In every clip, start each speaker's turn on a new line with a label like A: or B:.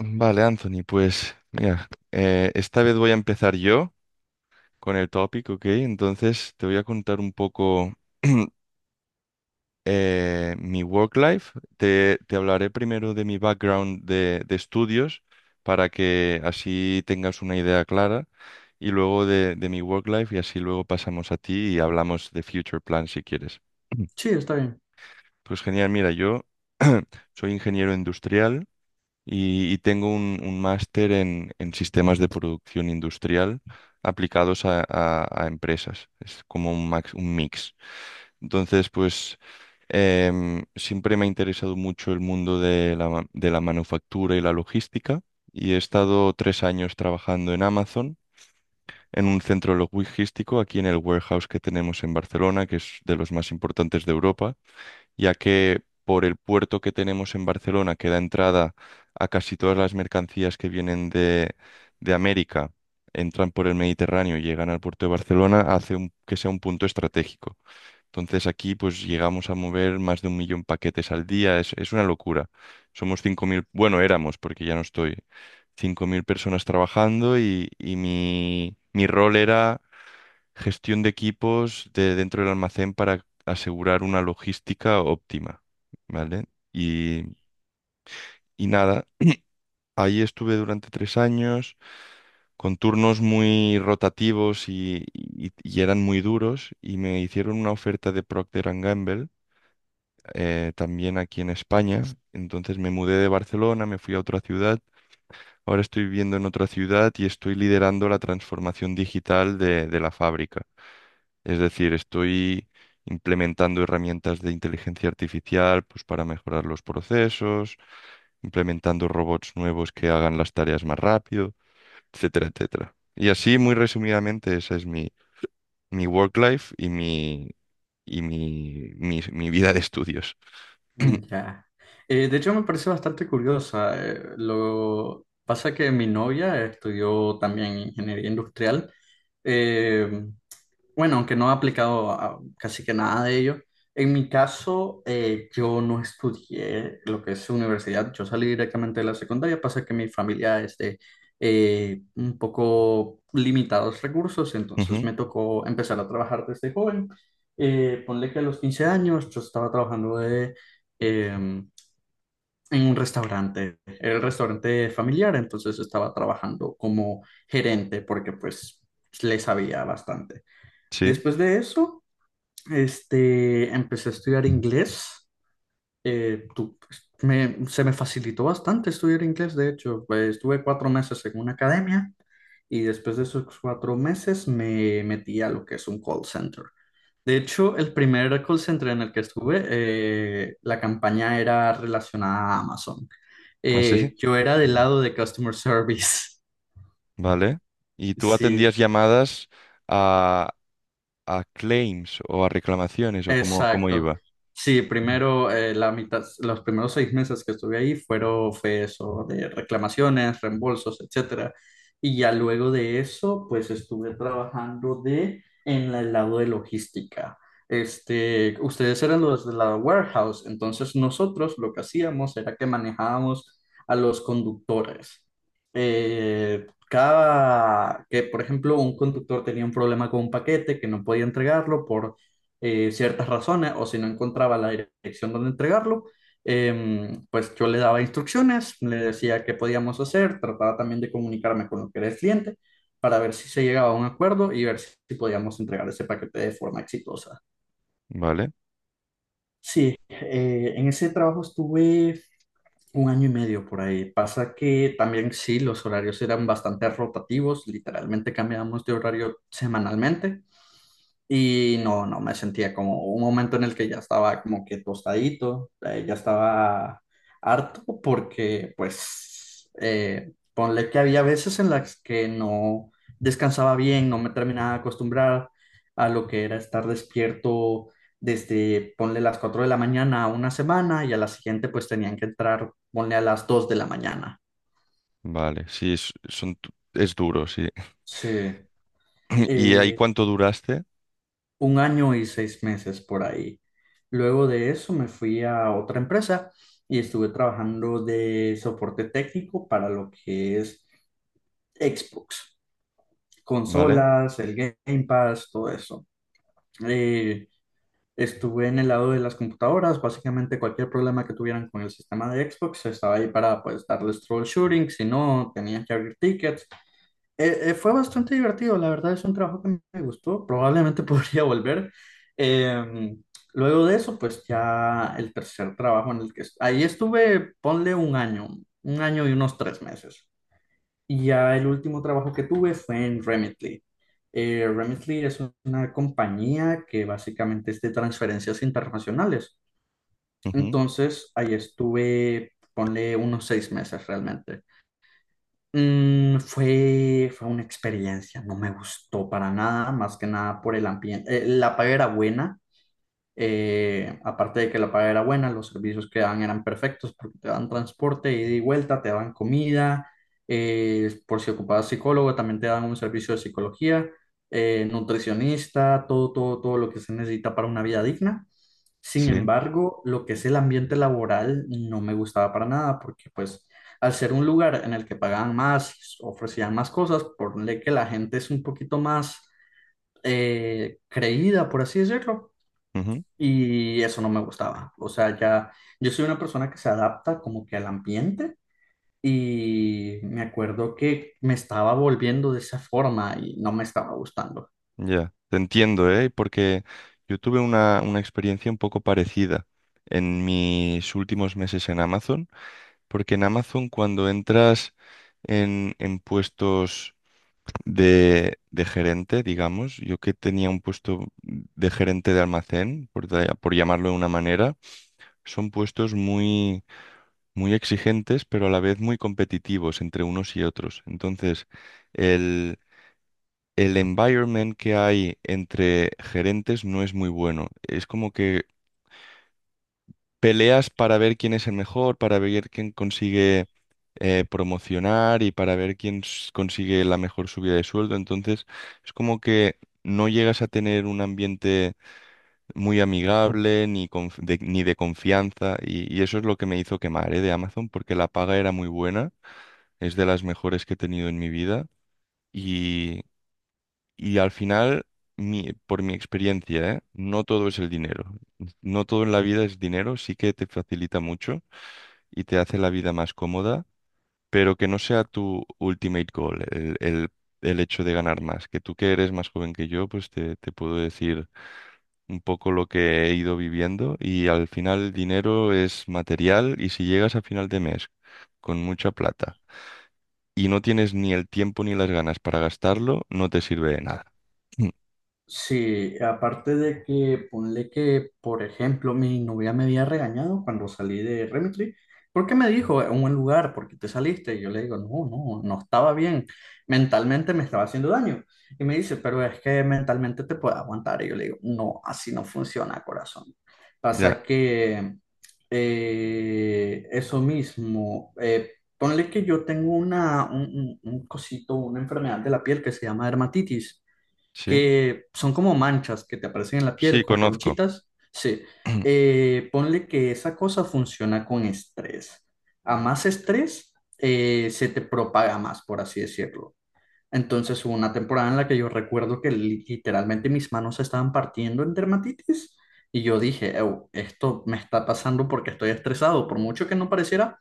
A: Vale, Anthony, pues mira, esta vez voy a empezar yo con el topic, ¿ok? Entonces te voy a contar un poco mi work life. Te hablaré primero de mi background de estudios para que así tengas una idea clara y luego de mi work life y así luego pasamos a ti y hablamos de future plan si quieres.
B: Sí, está bien.
A: Pues genial, mira, yo soy ingeniero industrial. Y tengo un máster en sistemas de producción industrial aplicados a, a empresas. Es como un, un mix. Entonces, pues siempre me ha interesado mucho el mundo de la, de la manufactura y la logística y he estado 3 años trabajando en Amazon. En un centro logístico aquí en el warehouse que tenemos en Barcelona, que es de los más importantes de Europa, ya que por el puerto que tenemos en Barcelona, que da entrada a casi todas las mercancías que vienen de América, entran por el Mediterráneo y llegan al puerto de Barcelona, que sea un punto estratégico. Entonces aquí pues llegamos a mover más de 1 millón paquetes al día, es una locura. Somos 5.000, bueno, éramos, porque ya no estoy, 5.000 personas trabajando y mi rol era gestión de equipos de dentro del almacén para asegurar una logística óptima, ¿vale? Y, y nada, ahí estuve durante 3 años con turnos muy rotativos y eran muy duros y me hicieron una oferta de Procter and Gamble, también aquí en España. Entonces me mudé de Barcelona, me fui a otra ciudad. Ahora estoy viviendo en otra ciudad y estoy liderando la transformación digital de la fábrica. Es decir, estoy implementando herramientas de inteligencia artificial, pues, para mejorar los procesos, implementando robots nuevos que hagan las tareas más rápido, etcétera, etcétera. Y así, muy resumidamente, esa es mi, mi work life y mi, mi vida de estudios.
B: Mm, ya. De hecho, me parece bastante curiosa. Lo pasa que mi novia estudió también ingeniería industrial. eh, Bueno, aunque no he aplicado casi que nada de ello, en mi caso yo no estudié lo que es universidad. Yo salí directamente de la secundaria, pasa que mi familia es de un poco limitados recursos, entonces
A: Ujú.
B: me tocó empezar a trabajar desde joven. Ponle que a los 15 años yo estaba trabajando em, en un restaurante. Era el restaurante familiar, entonces estaba trabajando como gerente porque pues le sabía bastante.
A: Sí,
B: Después de eso, este, empecé a estudiar inglés. Eh, tu- Se me facilitó bastante estudiar inglés. De hecho, pues, estuve 4 meses en una academia y después de esos 4 meses me metí a lo que es un call center. De hecho, el primer call center en el que estuve, la campaña era relacionada a Amazon.
A: así.
B: Yo era del
A: Mm.
B: lado de customer service.
A: Vale. ¿Y tú
B: Sí.
A: atendías llamadas a, a claims o a reclamaciones, o cómo, cómo
B: Exacto.
A: iba?
B: Sí, primero, la mitad, los primeros 6 meses que estuve ahí fueron, fue eso de reclamaciones, reembolsos, etcétera. Y ya luego de eso, pues estuve trabajando en el lado de logística. Este, ustedes eran los de la warehouse, entonces nosotros lo que hacíamos era que manejábamos a los conductores. Cada que, por ejemplo, un conductor tenía un problema con un paquete que no podía entregarlo ciertas razones, o si no encontraba la dirección donde entregarlo, pues yo le daba instrucciones, le decía qué podíamos hacer, trataba también de comunicarme con lo que era el cliente para ver si se llegaba a un acuerdo y ver si podíamos entregar ese paquete de forma exitosa.
A: Vale,
B: Sí, en ese trabajo estuve un año y medio por ahí. Pasa que también sí, los horarios eran bastante rotativos, literalmente cambiábamos de horario semanalmente. Y no, no me sentía como un momento en el que ya estaba como que tostadito. Ya estaba harto porque pues ponle que había veces en las que no descansaba bien, no me terminaba de acostumbrar a lo que era estar despierto desde ponle las 4 de la mañana a una semana, y a la siguiente pues tenían que entrar ponle a las 2 de la mañana.
A: vale, sí, es duro, sí.
B: Sí.
A: ¿Y ahí
B: Eh,
A: cuánto duraste?
B: un año y 6 meses por ahí. Luego de eso me fui a otra empresa y estuve trabajando de soporte técnico para lo que es Xbox,
A: Vale,
B: consolas, el Game Pass, todo eso. Eh, Estuve en el lado de las computadoras. Básicamente cualquier problema que tuvieran con el sistema de Xbox, estaba ahí para pues darles troubleshooting, si no, tenía que abrir tickets. Fue bastante divertido, la verdad. Es un trabajo que me gustó, probablemente podría volver. Eh, Luego de eso, pues ya el tercer trabajo en el que ahí estuve, ponle un año y unos 3 meses. Y ya el último trabajo que tuve fue en Remitly. Remitly es una compañía que básicamente es de transferencias internacionales.
A: ujú,
B: Entonces, ahí estuve, ponle unos 6 meses realmente. Fue una experiencia, no me gustó para nada, más que nada por el ambiente. La paga era buena, aparte de que la paga era buena, los servicios que daban eran perfectos porque te dan transporte, ida y vuelta, te dan comida, por si ocupabas psicólogo, también te dan un servicio de psicología, nutricionista, todo, todo, todo lo que se necesita para una vida digna. Sin
A: sí,
B: embargo, lo que es el ambiente laboral no me gustaba para nada porque pues al ser un lugar en el que pagaban más, ofrecían más cosas, ponle que la gente es un poquito más creída, por así decirlo,
A: ujú,
B: y eso no me gustaba. O sea, ya yo soy una persona que se adapta como que al ambiente, y me acuerdo que me estaba volviendo de esa forma y no me estaba gustando.
A: ya. Te entiendo, ¿eh? Porque yo tuve una experiencia un poco parecida en mis últimos meses en Amazon, porque en Amazon, cuando entras en puestos de gerente, digamos, yo que tenía un puesto de gerente de almacén, por llamarlo de una manera, son puestos muy, muy exigentes, pero a la vez muy competitivos entre unos y otros. Entonces, el, el environment que hay entre gerentes no es muy bueno. Es como que peleas para ver quién es el mejor, para ver quién consigue, promocionar, y para ver consigue la mejor subida de sueldo. Entonces, es como que no llegas a tener un ambiente muy amigable, ni de confianza, y eso es lo que me hizo quemar, ¿eh? De Amazon, porque la paga era muy buena, es de las mejores que he tenido en mi vida, y, y al final, por mi experiencia, ¿eh? No todo es el dinero, no todo en la vida es dinero, sí que te facilita mucho y te hace la vida más cómoda, pero que no sea tu ultimate goal, el hecho de ganar más, que tú, que eres más joven que yo, pues te puedo decir un poco lo que he ido viviendo y al final el dinero es material, y si llegas a final de mes con mucha plata y no tienes ni el tiempo ni las ganas para gastarlo, no te sirve de nada. Mm.
B: Sí, aparte de que ponle que, por ejemplo, mi novia me había regañado cuando salí de Remitry, porque me dijo, en un lugar, ¿porque te saliste? Y yo le digo, no, no, no estaba bien, mentalmente me estaba haciendo daño. Y me dice, pero es que mentalmente te puedes aguantar. Y yo le digo, no, así no funciona, corazón.
A: Ya,
B: Pasa que eso mismo, ponle que yo tengo un, un cosito, una enfermedad de la piel que se llama dermatitis,
A: sí,
B: que son como manchas que te aparecen en la piel
A: sí,
B: con
A: conozco.
B: ronchitas. Sí. Ponle que esa cosa funciona con estrés. A más estrés, se te propaga más, por así decirlo. Entonces hubo una temporada en la que yo recuerdo que literalmente mis manos se estaban partiendo en dermatitis, y yo dije: "Ew, esto me está pasando porque estoy estresado, por mucho que no pareciera".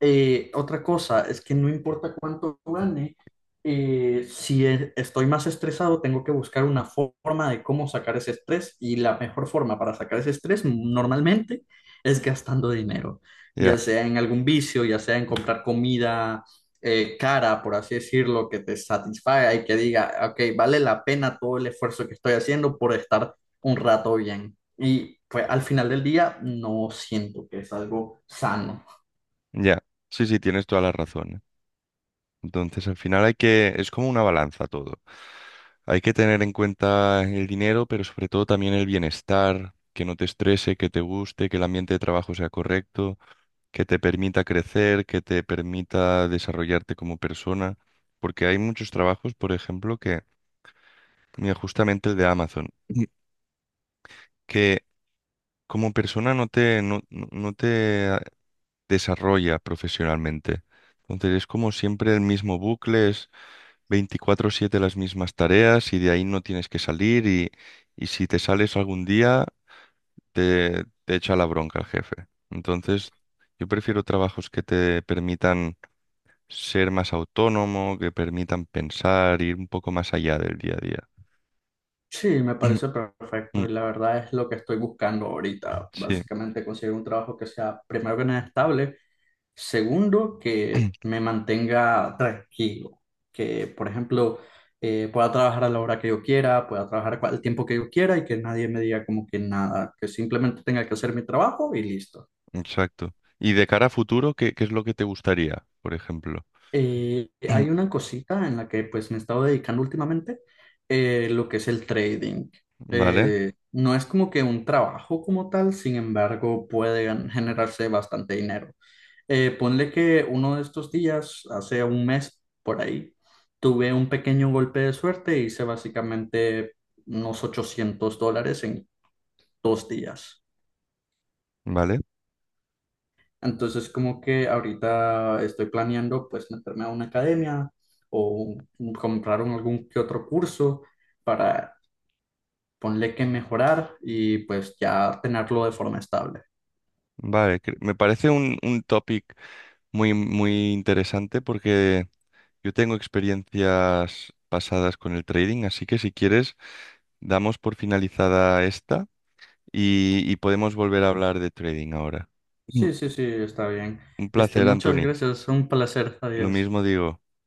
B: Otra cosa es que no importa cuánto gane. Si estoy más estresado, tengo que buscar una forma de cómo sacar ese estrés, y la mejor forma para sacar ese estrés normalmente es gastando dinero, ya
A: Ya,
B: sea en algún vicio, ya sea en comprar comida cara, por así decirlo, que te satisfaga y que diga, ok, vale la pena todo el esfuerzo que estoy haciendo por estar un rato bien. Y pues al final del día no siento que es algo sano.
A: ya, sí, sí, tienes toda la razón, ¿eh? Entonces al final hay que, es como una balanza todo. Hay que tener en cuenta el dinero, pero sobre todo también el bienestar, que no te estrese, que te guste, que el ambiente de trabajo sea correcto, que te permita crecer, que te permita desarrollarte como persona, porque hay muchos trabajos, por ejemplo, que, mira, justamente el de Amazon, Mm, que como persona no te desarrolla profesionalmente. Entonces es como siempre el mismo bucle, es 24/7 las mismas tareas y de ahí no tienes que salir y si te sales algún día te echa la bronca el jefe. Entonces yo prefiero trabajos que te permitan ser más autónomo, que permitan pensar, ir un poco más allá del día a día.
B: Sí, me parece perfecto
A: Mm.
B: y la verdad es lo que estoy buscando ahorita.
A: Sí.
B: Básicamente conseguir un trabajo que sea, primero que nada, estable, segundo, que me mantenga tranquilo, que, por ejemplo, pueda trabajar a la hora que yo quiera, pueda trabajar el tiempo que yo quiera, y que nadie me diga como que nada, que simplemente tenga que hacer mi trabajo y listo.
A: Exacto. Y de cara a futuro, ¿qué, qué es lo que te gustaría, por ejemplo?
B: Hay una cosita en la que pues me he estado dedicando últimamente, lo que es el trading.
A: Vale,
B: No es como que un trabajo como tal, sin embargo, pueden generarse bastante dinero. Ponle que uno de estos días, hace un mes por ahí, tuve un pequeño golpe de suerte e hice básicamente unos 800 dólares en 2 días.
A: vale,
B: Entonces, como que ahorita estoy planeando pues meterme a una academia o comprar algún que otro curso para ponerle que mejorar y pues ya tenerlo de forma estable.
A: vale. Me parece un topic muy, muy interesante porque yo tengo experiencias pasadas con el trading, así que si quieres, damos por finalizada esta y podemos volver a hablar de trading ahora. Mm.
B: Sí, sí, sí, está bien.
A: Un
B: Este,
A: placer,
B: muchas
A: Anthony.
B: gracias, un placer.
A: Lo
B: Adiós.
A: mismo digo.